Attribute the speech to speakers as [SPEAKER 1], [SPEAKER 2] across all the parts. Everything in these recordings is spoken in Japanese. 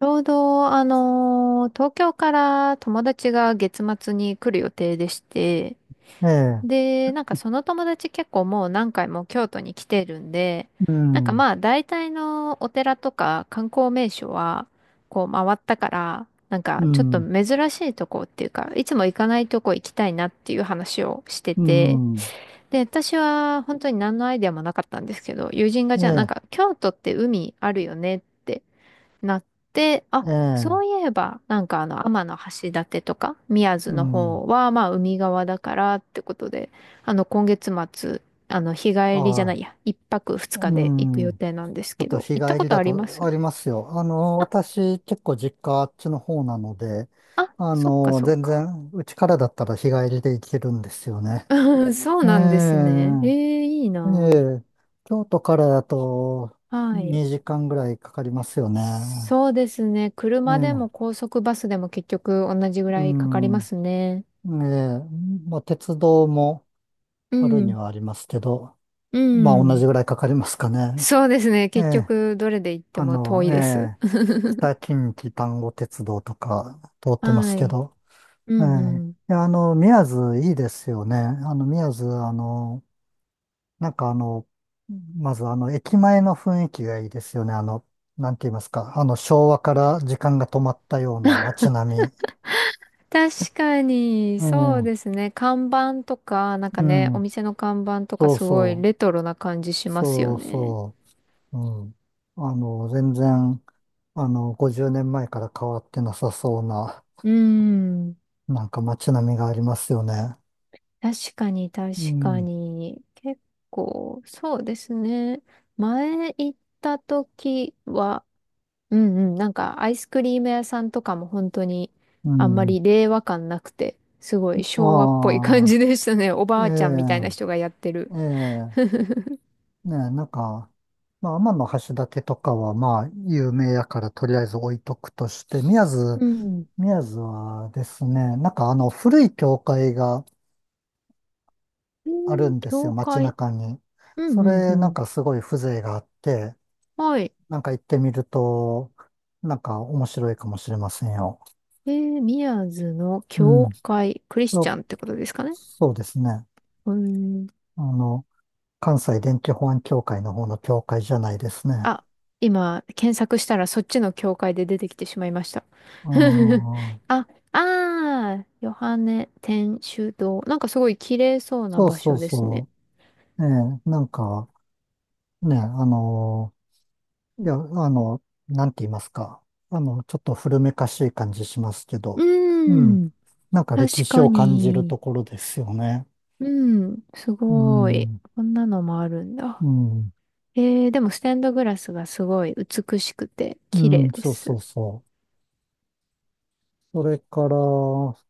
[SPEAKER 1] ちょうど、東京から友達が月末に来る予定でして、
[SPEAKER 2] ええ、
[SPEAKER 1] で、なんかその友達結構もう何回も京都に来てるんで、
[SPEAKER 2] う
[SPEAKER 1] なんか
[SPEAKER 2] ん、
[SPEAKER 1] まあ大体のお寺とか観光名所はこう回ったから、なん
[SPEAKER 2] う
[SPEAKER 1] かちょっと
[SPEAKER 2] ん、
[SPEAKER 1] 珍しいとこっていうか、いつも行かないとこ行きたいなっていう話をして
[SPEAKER 2] う
[SPEAKER 1] て、
[SPEAKER 2] ん、
[SPEAKER 1] で、私は本当に何のアイデアもなかったんですけど、友人が
[SPEAKER 2] え
[SPEAKER 1] じゃあなん
[SPEAKER 2] え、
[SPEAKER 1] か京都って海あるよねってなって、あ、
[SPEAKER 2] え
[SPEAKER 1] そ
[SPEAKER 2] え、
[SPEAKER 1] ういえば、なんか天橋立とか、宮津
[SPEAKER 2] う
[SPEAKER 1] の
[SPEAKER 2] ん、
[SPEAKER 1] 方は、まあ、海側だからってことで、今月末、日帰りじ
[SPEAKER 2] あ
[SPEAKER 1] ゃな
[SPEAKER 2] あ、
[SPEAKER 1] いや、一泊二
[SPEAKER 2] う
[SPEAKER 1] 日で行く予
[SPEAKER 2] ん、ち
[SPEAKER 1] 定なんです
[SPEAKER 2] ょっ
[SPEAKER 1] け
[SPEAKER 2] と
[SPEAKER 1] ど、
[SPEAKER 2] 日
[SPEAKER 1] 行った
[SPEAKER 2] 帰
[SPEAKER 1] こ
[SPEAKER 2] り
[SPEAKER 1] と
[SPEAKER 2] だ
[SPEAKER 1] ありま
[SPEAKER 2] と
[SPEAKER 1] す？
[SPEAKER 2] ありますよ。
[SPEAKER 1] あ、
[SPEAKER 2] 私結構実家あっちの方なので、
[SPEAKER 1] あ、そっかそっ
[SPEAKER 2] 全
[SPEAKER 1] か。
[SPEAKER 2] 然うちからだったら日帰りで行けるんですよね。
[SPEAKER 1] うん そう
[SPEAKER 2] ええ、
[SPEAKER 1] なんですね。ええ、いい
[SPEAKER 2] え
[SPEAKER 1] な。
[SPEAKER 2] え、京都からだと
[SPEAKER 1] あはい。
[SPEAKER 2] 2時間ぐらいかかりますよね。
[SPEAKER 1] そうですね。
[SPEAKER 2] え
[SPEAKER 1] 車
[SPEAKER 2] え、
[SPEAKER 1] でも高速バスでも結局同じぐ
[SPEAKER 2] う
[SPEAKER 1] らいかかり
[SPEAKER 2] ん、
[SPEAKER 1] ますね。
[SPEAKER 2] ええ、まあ鉄道も
[SPEAKER 1] う
[SPEAKER 2] あるに
[SPEAKER 1] ん。
[SPEAKER 2] はありますけど、
[SPEAKER 1] う
[SPEAKER 2] まあ同
[SPEAKER 1] ん。
[SPEAKER 2] じぐらいかかりますかね。
[SPEAKER 1] そうですね。
[SPEAKER 2] え
[SPEAKER 1] 結
[SPEAKER 2] え、
[SPEAKER 1] 局、どれで行っても遠い
[SPEAKER 2] え
[SPEAKER 1] です。
[SPEAKER 2] え、北近畿丹後鉄道とか通ってます
[SPEAKER 1] は
[SPEAKER 2] け
[SPEAKER 1] い。
[SPEAKER 2] ど、
[SPEAKER 1] う
[SPEAKER 2] え
[SPEAKER 1] んう
[SPEAKER 2] え、
[SPEAKER 1] ん。
[SPEAKER 2] いや、宮津いいですよね。あの、宮津、あの、なんかまず駅前の雰囲気がいいですよね。なんて言いますか、昭和から時間が止まったような街並み。
[SPEAKER 1] 確かに、
[SPEAKER 2] う
[SPEAKER 1] そう
[SPEAKER 2] ん、
[SPEAKER 1] ですね。看板とか、なんか
[SPEAKER 2] う
[SPEAKER 1] ね、お
[SPEAKER 2] ん、
[SPEAKER 1] 店の看板とか
[SPEAKER 2] そう
[SPEAKER 1] すごい
[SPEAKER 2] そう、
[SPEAKER 1] レトロな感じしますよ
[SPEAKER 2] そう
[SPEAKER 1] ね。
[SPEAKER 2] そう。うん。あの、全然、あの、50年前から変わってなさそうな、
[SPEAKER 1] うん。
[SPEAKER 2] なんか街並みがありますよね。
[SPEAKER 1] 確かに、確
[SPEAKER 2] う
[SPEAKER 1] か
[SPEAKER 2] ん。
[SPEAKER 1] に。結構、そうですね。前行った時は、うんうん。なんか、アイスクリーム屋さんとかも本当に、
[SPEAKER 2] う
[SPEAKER 1] あんま
[SPEAKER 2] ん。
[SPEAKER 1] り令和感なくて、すごい昭和っぽい感
[SPEAKER 2] ああ、
[SPEAKER 1] じでしたね。お
[SPEAKER 2] え
[SPEAKER 1] ばあちゃんみたいな人
[SPEAKER 2] え、
[SPEAKER 1] がやってる。
[SPEAKER 2] ええ、ねえ、なんか、まあ、天橋立とかは、まあ、有名やから、とりあえず置いとくとして、
[SPEAKER 1] うん。
[SPEAKER 2] 宮津はですね、なんか古い教会が
[SPEAKER 1] え
[SPEAKER 2] ある
[SPEAKER 1] ー、
[SPEAKER 2] んですよ、
[SPEAKER 1] 教
[SPEAKER 2] 街
[SPEAKER 1] 会。
[SPEAKER 2] 中に。
[SPEAKER 1] う
[SPEAKER 2] そ
[SPEAKER 1] んうんう
[SPEAKER 2] れ、なん
[SPEAKER 1] ん。
[SPEAKER 2] かすごい風情があって、
[SPEAKER 1] はい。
[SPEAKER 2] なんか行ってみると、なんか面白いかもしれませんよ。
[SPEAKER 1] えー、宮津の
[SPEAKER 2] う
[SPEAKER 1] 教
[SPEAKER 2] ん。
[SPEAKER 1] 会、クリス
[SPEAKER 2] そ
[SPEAKER 1] チャ
[SPEAKER 2] う
[SPEAKER 1] ンってことですかね。
[SPEAKER 2] そうですね。
[SPEAKER 1] うーん。
[SPEAKER 2] あの、関西電気保安協会の方の協会じゃないですね。
[SPEAKER 1] あ、今、検索したらそっちの教会で出てきてしまいました。
[SPEAKER 2] う ん。
[SPEAKER 1] あ、あー、ヨハネ天主堂。なんかすごい綺麗そうな
[SPEAKER 2] そう
[SPEAKER 1] 場
[SPEAKER 2] そう
[SPEAKER 1] 所ですね。
[SPEAKER 2] そう。ええ、なんか、ね、いや、あの、なんて言いますか。ちょっと古めかしい感じしますけ
[SPEAKER 1] う
[SPEAKER 2] ど、うん。
[SPEAKER 1] ん。
[SPEAKER 2] なんか歴
[SPEAKER 1] 確
[SPEAKER 2] 史
[SPEAKER 1] か
[SPEAKER 2] を感じる
[SPEAKER 1] に。
[SPEAKER 2] ところですよね。
[SPEAKER 1] うん。す
[SPEAKER 2] う
[SPEAKER 1] ごい。
[SPEAKER 2] ん。
[SPEAKER 1] こんなのもあるんだ。
[SPEAKER 2] うん。
[SPEAKER 1] えー、でもステンドグラスがすごい美しくて
[SPEAKER 2] う
[SPEAKER 1] 綺
[SPEAKER 2] ん、
[SPEAKER 1] 麗で
[SPEAKER 2] そうそ
[SPEAKER 1] す。
[SPEAKER 2] うそう。それから、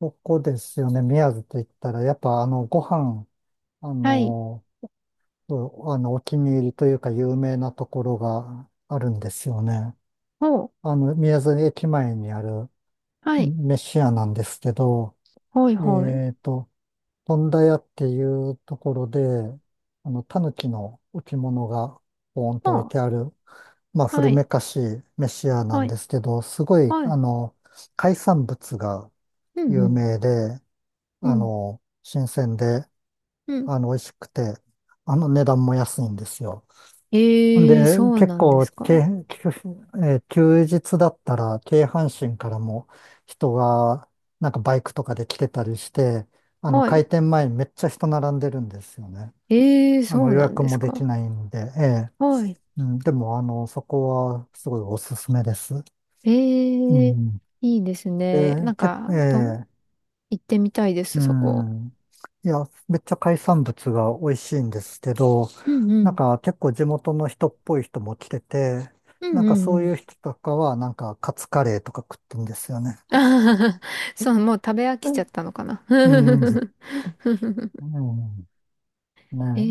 [SPEAKER 2] そこですよね。宮津と言ったら、やっぱご飯、あ
[SPEAKER 1] はい。
[SPEAKER 2] の、うあの、お気に入りというか有名なところがあるんですよね。
[SPEAKER 1] ほう。
[SPEAKER 2] 宮津駅前にある
[SPEAKER 1] はい。
[SPEAKER 2] 飯屋なんですけど、
[SPEAKER 1] ほいほい。
[SPEAKER 2] えっと、富田屋っていうところで、狸の置物がポーン
[SPEAKER 1] ほ
[SPEAKER 2] と置い
[SPEAKER 1] う。
[SPEAKER 2] てある、まあ、
[SPEAKER 1] は
[SPEAKER 2] 古め
[SPEAKER 1] い。
[SPEAKER 2] かしい飯屋な
[SPEAKER 1] は
[SPEAKER 2] ん
[SPEAKER 1] い。
[SPEAKER 2] ですけど、すごい、
[SPEAKER 1] はい。
[SPEAKER 2] 海産物が
[SPEAKER 1] うんう
[SPEAKER 2] 有
[SPEAKER 1] ん。
[SPEAKER 2] 名で、
[SPEAKER 1] うん。
[SPEAKER 2] 新鮮で、
[SPEAKER 1] うん。
[SPEAKER 2] 美味しくて、値段も安いんですよ。
[SPEAKER 1] えー、
[SPEAKER 2] で、
[SPEAKER 1] そう
[SPEAKER 2] 結
[SPEAKER 1] なんで
[SPEAKER 2] 構、
[SPEAKER 1] す
[SPEAKER 2] け、
[SPEAKER 1] か。
[SPEAKER 2] 休えー休日だったら、京阪神からも人が、なんかバイクとかで来てたりして、
[SPEAKER 1] はい。
[SPEAKER 2] 開店前にめっちゃ人並んでるんですよね。
[SPEAKER 1] えー、そう
[SPEAKER 2] 予
[SPEAKER 1] なん
[SPEAKER 2] 約
[SPEAKER 1] で
[SPEAKER 2] も
[SPEAKER 1] す
[SPEAKER 2] でき
[SPEAKER 1] か。
[SPEAKER 2] ないんで、ええ、
[SPEAKER 1] はい。
[SPEAKER 2] うん、でも、そこはすごいおすすめです。
[SPEAKER 1] え
[SPEAKER 2] う
[SPEAKER 1] ー、
[SPEAKER 2] ん。
[SPEAKER 1] いいですね。
[SPEAKER 2] で、
[SPEAKER 1] なんか、
[SPEAKER 2] ええ、
[SPEAKER 1] 行ってみたいで
[SPEAKER 2] う
[SPEAKER 1] す、そこ。
[SPEAKER 2] ん。いや、めっちゃ海産物が美味しいんですけど、
[SPEAKER 1] うんう
[SPEAKER 2] なん
[SPEAKER 1] ん。
[SPEAKER 2] か結構地元の人っぽい人も来てて、
[SPEAKER 1] うん
[SPEAKER 2] なんか
[SPEAKER 1] うんう
[SPEAKER 2] そうい
[SPEAKER 1] ん。
[SPEAKER 2] う人とかはなんかカツカレーとか食ってんですよね。
[SPEAKER 1] あー そう、もう食べ飽
[SPEAKER 2] う
[SPEAKER 1] きちゃ
[SPEAKER 2] ん。
[SPEAKER 1] ったのかな。
[SPEAKER 2] うん。うん。ねえ、
[SPEAKER 1] え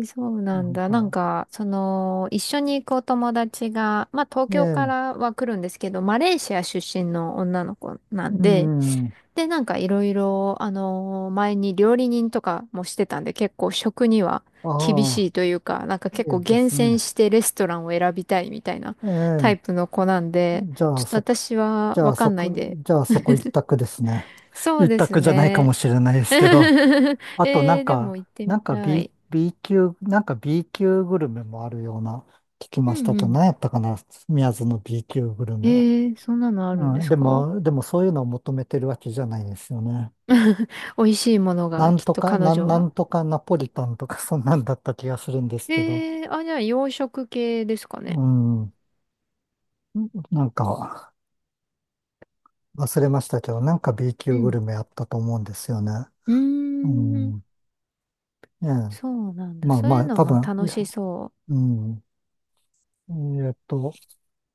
[SPEAKER 1] え、そうな
[SPEAKER 2] な
[SPEAKER 1] ん
[SPEAKER 2] ん
[SPEAKER 1] だ。なん
[SPEAKER 2] か、
[SPEAKER 1] か、その、一緒に行くお友達が、まあ、東
[SPEAKER 2] え
[SPEAKER 1] 京か
[SPEAKER 2] え、
[SPEAKER 1] らは来るんですけど、マレーシア出身の女の子な
[SPEAKER 2] う
[SPEAKER 1] んで、
[SPEAKER 2] ん。
[SPEAKER 1] で、なんかいろいろ、あの前に料理人とかもしてたんで、結構食には厳
[SPEAKER 2] あ
[SPEAKER 1] し
[SPEAKER 2] あ、
[SPEAKER 1] いというか、なんか
[SPEAKER 2] い
[SPEAKER 1] 結構
[SPEAKER 2] いで
[SPEAKER 1] 厳
[SPEAKER 2] す
[SPEAKER 1] 選
[SPEAKER 2] ね。
[SPEAKER 1] してレストランを選びたいみたいな
[SPEAKER 2] え
[SPEAKER 1] タイ
[SPEAKER 2] え、
[SPEAKER 1] プの子なんで、
[SPEAKER 2] じゃ
[SPEAKER 1] ち
[SPEAKER 2] あ
[SPEAKER 1] ょ
[SPEAKER 2] そ
[SPEAKER 1] っと
[SPEAKER 2] こ、
[SPEAKER 1] 私は
[SPEAKER 2] じゃ
[SPEAKER 1] わ
[SPEAKER 2] あ
[SPEAKER 1] か
[SPEAKER 2] そ
[SPEAKER 1] んない
[SPEAKER 2] こ、
[SPEAKER 1] んで、
[SPEAKER 2] じゃあそこ一択ですね。
[SPEAKER 1] そう
[SPEAKER 2] 一
[SPEAKER 1] です
[SPEAKER 2] 択じゃないか
[SPEAKER 1] ね。
[SPEAKER 2] もしれないで
[SPEAKER 1] え
[SPEAKER 2] すけど。あとなん
[SPEAKER 1] ー、で
[SPEAKER 2] か、
[SPEAKER 1] も行って
[SPEAKER 2] な
[SPEAKER 1] み
[SPEAKER 2] んか
[SPEAKER 1] た い。
[SPEAKER 2] B 級、なんか B 級グルメもあるような聞き
[SPEAKER 1] う
[SPEAKER 2] まし
[SPEAKER 1] ん
[SPEAKER 2] た
[SPEAKER 1] う
[SPEAKER 2] と、
[SPEAKER 1] ん。
[SPEAKER 2] 何やったかな、宮津の B 級グル
[SPEAKER 1] え
[SPEAKER 2] メ。
[SPEAKER 1] ー、そんなのあるんで
[SPEAKER 2] うん、
[SPEAKER 1] すか？
[SPEAKER 2] でもそういうのを求めてるわけじゃないですよね。
[SPEAKER 1] 美味しいものが、きっと彼女
[SPEAKER 2] な
[SPEAKER 1] は。
[SPEAKER 2] んとかナポリタンとか そんなんだった気がするんですけど、
[SPEAKER 1] えー、あ、じゃあ洋食系ですかね。
[SPEAKER 2] うん、なんか忘れましたけど、なんか B
[SPEAKER 1] う
[SPEAKER 2] 級グ
[SPEAKER 1] ん。
[SPEAKER 2] ルメあったと思うんですよね。
[SPEAKER 1] うー
[SPEAKER 2] う
[SPEAKER 1] ん、
[SPEAKER 2] ん、ええ、
[SPEAKER 1] そうなんだ。
[SPEAKER 2] まあ
[SPEAKER 1] そう
[SPEAKER 2] ま
[SPEAKER 1] いう
[SPEAKER 2] あ、
[SPEAKER 1] の
[SPEAKER 2] 多
[SPEAKER 1] も
[SPEAKER 2] 分、い
[SPEAKER 1] 楽
[SPEAKER 2] や、
[SPEAKER 1] しそ
[SPEAKER 2] うん。えーっと、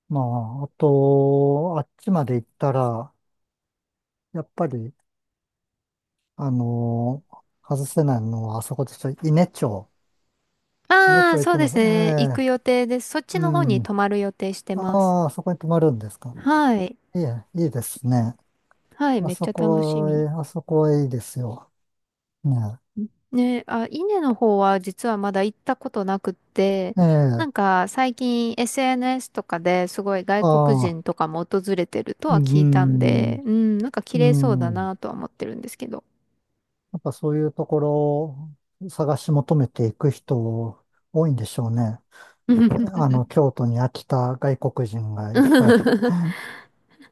[SPEAKER 2] まあ、あと、あっちまで行ったら、やっぱり、外せないのは、あそこでしょ、伊根町。
[SPEAKER 1] う。
[SPEAKER 2] 伊根
[SPEAKER 1] あ
[SPEAKER 2] 町
[SPEAKER 1] あ、
[SPEAKER 2] 行
[SPEAKER 1] そ
[SPEAKER 2] き
[SPEAKER 1] う
[SPEAKER 2] ま
[SPEAKER 1] で
[SPEAKER 2] す。
[SPEAKER 1] す
[SPEAKER 2] え
[SPEAKER 1] ね。行
[SPEAKER 2] え、
[SPEAKER 1] く予定です。そっち
[SPEAKER 2] う
[SPEAKER 1] の方に
[SPEAKER 2] ん。
[SPEAKER 1] 泊まる予定して
[SPEAKER 2] あ
[SPEAKER 1] ます。
[SPEAKER 2] あ、あそこに泊まるんですか。
[SPEAKER 1] はい。
[SPEAKER 2] いえ、いいですね。
[SPEAKER 1] はい、
[SPEAKER 2] あ
[SPEAKER 1] めっ
[SPEAKER 2] そ
[SPEAKER 1] ちゃ楽し
[SPEAKER 2] こは、え
[SPEAKER 1] み。
[SPEAKER 2] あそこはいいですよ。ね
[SPEAKER 1] ね、あ、稲の方は実はまだ行ったことなくって、な
[SPEAKER 2] え。
[SPEAKER 1] ん
[SPEAKER 2] ええ、
[SPEAKER 1] か最近 SNS とかですごい外
[SPEAKER 2] あ
[SPEAKER 1] 国
[SPEAKER 2] あ、
[SPEAKER 1] 人とかも訪れてると
[SPEAKER 2] う
[SPEAKER 1] は聞いたんで、
[SPEAKER 2] ん、
[SPEAKER 1] うん、なんか綺
[SPEAKER 2] う
[SPEAKER 1] 麗そうだ
[SPEAKER 2] ん。
[SPEAKER 1] なとは思ってるんですけど。
[SPEAKER 2] やっぱそういうところを探し求めていく人多いんでしょうね。京都に飽きた外国人がいっぱい。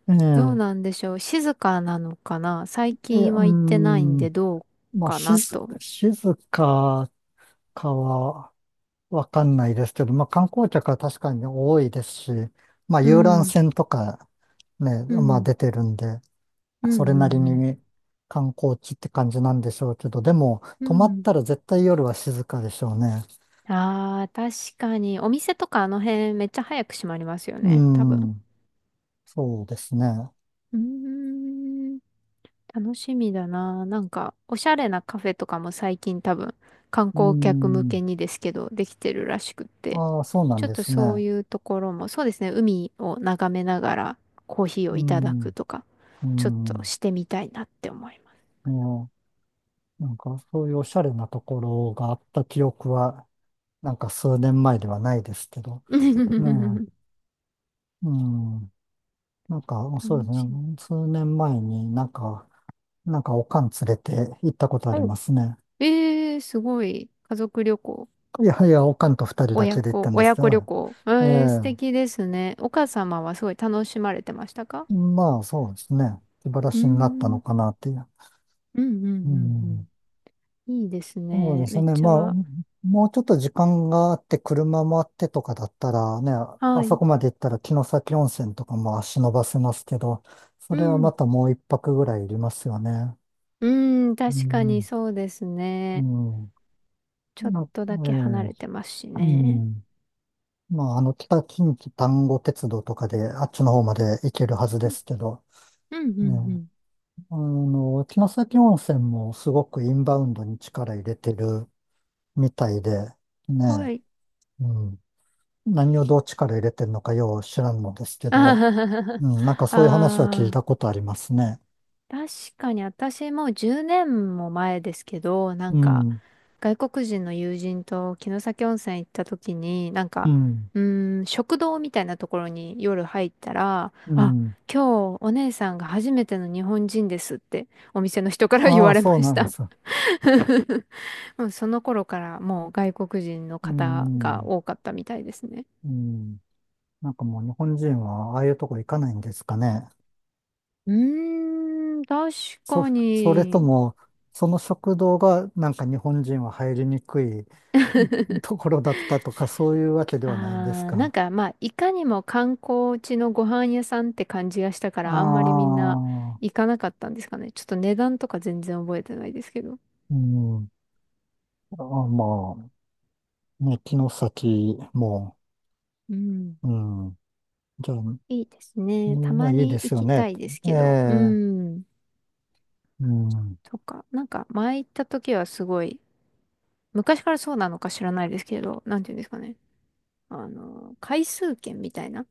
[SPEAKER 2] え
[SPEAKER 1] どう
[SPEAKER 2] え、
[SPEAKER 1] なんでしょう。静かなのかな。最
[SPEAKER 2] え、
[SPEAKER 1] 近
[SPEAKER 2] うー
[SPEAKER 1] は行ってないん
[SPEAKER 2] ん、
[SPEAKER 1] でどう
[SPEAKER 2] まあ、
[SPEAKER 1] かなと。
[SPEAKER 2] 静かかはわかんないですけど、まあ、観光客は確かに多いですし、まあ、
[SPEAKER 1] う
[SPEAKER 2] 遊覧
[SPEAKER 1] ん、
[SPEAKER 2] 船とかね、
[SPEAKER 1] う
[SPEAKER 2] まあ、
[SPEAKER 1] ん、
[SPEAKER 2] 出てるんで、
[SPEAKER 1] うん、
[SPEAKER 2] それなり
[SPEAKER 1] うん、
[SPEAKER 2] に観光地って感じなんでしょうけど、でも、
[SPEAKER 1] う
[SPEAKER 2] 泊
[SPEAKER 1] ん。
[SPEAKER 2] まっ
[SPEAKER 1] うん。
[SPEAKER 2] たら絶対夜は静かでしょうね。
[SPEAKER 1] ああ、確かに。お店とかあの辺めっちゃ早く閉まりますよ
[SPEAKER 2] うー
[SPEAKER 1] ね。多分。
[SPEAKER 2] ん、そうですね。
[SPEAKER 1] うーん、楽しみだな。なんか、おしゃれなカフェとかも最近多分、観
[SPEAKER 2] うー
[SPEAKER 1] 光客向
[SPEAKER 2] ん、
[SPEAKER 1] けにですけど、できてるらしくって。
[SPEAKER 2] ああ、そうなん
[SPEAKER 1] ちょっ
[SPEAKER 2] で
[SPEAKER 1] と
[SPEAKER 2] す
[SPEAKER 1] そう
[SPEAKER 2] ね。
[SPEAKER 1] いうところも、そうですね、海を眺めながらコーヒー
[SPEAKER 2] うー
[SPEAKER 1] をいただ
[SPEAKER 2] ん、
[SPEAKER 1] くとか、
[SPEAKER 2] うー
[SPEAKER 1] ちょっと
[SPEAKER 2] ん。
[SPEAKER 1] してみたいなって思います。
[SPEAKER 2] いや、なんかそういうおしゃれなところがあった記憶は、なんか数年前ではないですけど、ね え、うん、なんか
[SPEAKER 1] 楽
[SPEAKER 2] そうですね、
[SPEAKER 1] しみ。
[SPEAKER 2] 数年前になんか、なんかおかん連れて行ったことあり
[SPEAKER 1] お、
[SPEAKER 2] ますね。
[SPEAKER 1] えー、すごい。家族旅行、
[SPEAKER 2] いやいや、おかんと二人だ
[SPEAKER 1] 親
[SPEAKER 2] けで行った
[SPEAKER 1] 子、
[SPEAKER 2] んです
[SPEAKER 1] 親
[SPEAKER 2] け
[SPEAKER 1] 子旅
[SPEAKER 2] ど、
[SPEAKER 1] 行。え
[SPEAKER 2] ええ、
[SPEAKER 1] ー、素敵ですね。お母様はすごい楽しまれてましたか？
[SPEAKER 2] まあそうですね、気晴ら
[SPEAKER 1] うー
[SPEAKER 2] しになったの
[SPEAKER 1] ん。
[SPEAKER 2] かなっていう。
[SPEAKER 1] うんうん
[SPEAKER 2] う
[SPEAKER 1] う
[SPEAKER 2] ん、
[SPEAKER 1] んうん。いいです
[SPEAKER 2] そう
[SPEAKER 1] ね。
[SPEAKER 2] で
[SPEAKER 1] め
[SPEAKER 2] す
[SPEAKER 1] っ
[SPEAKER 2] ね。
[SPEAKER 1] ち
[SPEAKER 2] まあ、
[SPEAKER 1] ゃ、
[SPEAKER 2] もうちょっと時間があって、車もあってとかだったらね、あ
[SPEAKER 1] は
[SPEAKER 2] そ
[SPEAKER 1] い。
[SPEAKER 2] こまで行ったら城崎温泉とかも足伸ばせますけど、そ
[SPEAKER 1] う
[SPEAKER 2] れは
[SPEAKER 1] ん。
[SPEAKER 2] またもう一泊ぐらいいりますよね。
[SPEAKER 1] うん、
[SPEAKER 2] う
[SPEAKER 1] 確かに
[SPEAKER 2] ん、
[SPEAKER 1] そうです
[SPEAKER 2] う
[SPEAKER 1] ね。
[SPEAKER 2] ん。
[SPEAKER 1] ちょっとだけ離れて
[SPEAKER 2] え
[SPEAKER 1] ますし
[SPEAKER 2] え、う
[SPEAKER 1] ね。
[SPEAKER 2] ん。まあ、北近畿丹後鉄道とかで、あっちの方まで行けるはずで
[SPEAKER 1] うん
[SPEAKER 2] すけど、
[SPEAKER 1] うん
[SPEAKER 2] ね、
[SPEAKER 1] うん
[SPEAKER 2] 城崎温泉もすごくインバウンドに力入れてるみたいで、
[SPEAKER 1] うん。は
[SPEAKER 2] ね、
[SPEAKER 1] い。
[SPEAKER 2] うん。何をどっちから入れてんのかよう知らんのですけ
[SPEAKER 1] あ
[SPEAKER 2] ど、うん、なんか
[SPEAKER 1] あ、
[SPEAKER 2] そういう話は聞い
[SPEAKER 1] あ
[SPEAKER 2] たことありますね。
[SPEAKER 1] 確かに私もう10年も前ですけど、な
[SPEAKER 2] う
[SPEAKER 1] んか
[SPEAKER 2] ん、
[SPEAKER 1] 外国人の友人と城崎温泉行った時に、なん
[SPEAKER 2] う
[SPEAKER 1] か、
[SPEAKER 2] ん、
[SPEAKER 1] うーん、食堂みたいなところに夜入ったら、
[SPEAKER 2] う
[SPEAKER 1] あ、
[SPEAKER 2] ん。
[SPEAKER 1] 今日お姉さんが初めての日本人ですってお店の人から言
[SPEAKER 2] あ
[SPEAKER 1] わ
[SPEAKER 2] あ、
[SPEAKER 1] れま
[SPEAKER 2] そう
[SPEAKER 1] し
[SPEAKER 2] なん
[SPEAKER 1] た。
[SPEAKER 2] ですよ。
[SPEAKER 1] もうその頃からもう外国人の
[SPEAKER 2] う
[SPEAKER 1] 方が
[SPEAKER 2] ん、
[SPEAKER 1] 多かったみたいですね。
[SPEAKER 2] うん。なんかもう日本人はああいうとこ行かないんですかね。
[SPEAKER 1] うーん、確
[SPEAKER 2] そ、
[SPEAKER 1] か
[SPEAKER 2] それと
[SPEAKER 1] に。
[SPEAKER 2] も、その食堂がなんか日本人は入りにくい、うん、ところだったとか、そういうわけではないんです
[SPEAKER 1] あー、なん
[SPEAKER 2] か。
[SPEAKER 1] かまあ、いかにも観光地のご飯屋さんって感じがしたか
[SPEAKER 2] あ
[SPEAKER 1] ら、あんまりみんな
[SPEAKER 2] あ、
[SPEAKER 1] 行かなかったんですかね。ちょっと値段とか全然覚えてないですけど。
[SPEAKER 2] うん。あ、まあ、ね、城崎も、
[SPEAKER 1] うん。
[SPEAKER 2] うん。じゃあ、う
[SPEAKER 1] いいですね。た
[SPEAKER 2] ん、まあ
[SPEAKER 1] ま
[SPEAKER 2] いいで
[SPEAKER 1] に行
[SPEAKER 2] すよ
[SPEAKER 1] き
[SPEAKER 2] ね。
[SPEAKER 1] たいです
[SPEAKER 2] え
[SPEAKER 1] けど。う
[SPEAKER 2] え、
[SPEAKER 1] ん。
[SPEAKER 2] うん。
[SPEAKER 1] とか、なんか前行った時はすごい、昔からそうなのか知らないですけど、なんていうんですかね。回数券みたいな。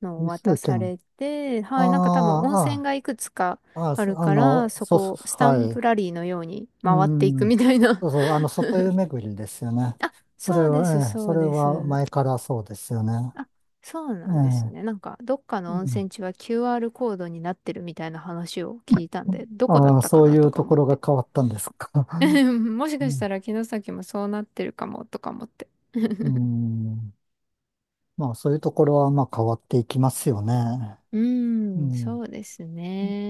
[SPEAKER 1] のを
[SPEAKER 2] 理
[SPEAKER 1] 渡
[SPEAKER 2] 数
[SPEAKER 1] さ
[SPEAKER 2] 圏。
[SPEAKER 1] れて、はい、なんか多分
[SPEAKER 2] あ
[SPEAKER 1] 温泉がいくつか
[SPEAKER 2] あ、ああ、あ
[SPEAKER 1] ある
[SPEAKER 2] そあ
[SPEAKER 1] から、
[SPEAKER 2] の、
[SPEAKER 1] そ
[SPEAKER 2] そうそ
[SPEAKER 1] こ、ス
[SPEAKER 2] う、
[SPEAKER 1] タン
[SPEAKER 2] は
[SPEAKER 1] プラ
[SPEAKER 2] い。
[SPEAKER 1] リーのように
[SPEAKER 2] う
[SPEAKER 1] 回っていく
[SPEAKER 2] ん。
[SPEAKER 1] みたいな。
[SPEAKER 2] そうそう、外湯巡りですよね。
[SPEAKER 1] あ、
[SPEAKER 2] それ
[SPEAKER 1] そうです、
[SPEAKER 2] は、ええ、
[SPEAKER 1] そ
[SPEAKER 2] そ
[SPEAKER 1] う
[SPEAKER 2] れ
[SPEAKER 1] で
[SPEAKER 2] は
[SPEAKER 1] す。
[SPEAKER 2] 前からそうですよね。
[SPEAKER 1] あ、そうな
[SPEAKER 2] ええ、
[SPEAKER 1] んですね。なんか、どっか
[SPEAKER 2] う
[SPEAKER 1] の温
[SPEAKER 2] ん。
[SPEAKER 1] 泉地は QR コードになってるみたいな話を聞いたんで、どこだっ
[SPEAKER 2] ああ、
[SPEAKER 1] たか
[SPEAKER 2] そう
[SPEAKER 1] な
[SPEAKER 2] い
[SPEAKER 1] と
[SPEAKER 2] う
[SPEAKER 1] か
[SPEAKER 2] と
[SPEAKER 1] 思
[SPEAKER 2] こ
[SPEAKER 1] っ
[SPEAKER 2] ろが
[SPEAKER 1] て。
[SPEAKER 2] 変わったんですか。
[SPEAKER 1] もし
[SPEAKER 2] う
[SPEAKER 1] かした
[SPEAKER 2] ん。
[SPEAKER 1] ら城崎もそうなってるかもとか思って。
[SPEAKER 2] う ん、まあ、そういうところは、まあ、変わっていきますよね。
[SPEAKER 1] う
[SPEAKER 2] う
[SPEAKER 1] ーん、そ
[SPEAKER 2] ん。
[SPEAKER 1] うです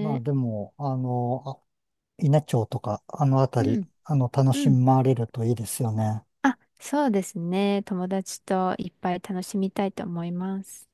[SPEAKER 2] まあ、でも、稲町とか、あのあた
[SPEAKER 1] う
[SPEAKER 2] り、
[SPEAKER 1] ん、
[SPEAKER 2] 楽
[SPEAKER 1] う
[SPEAKER 2] し
[SPEAKER 1] ん。
[SPEAKER 2] まれるといいですよね。
[SPEAKER 1] あ、そうですね。友達といっぱい楽しみたいと思います。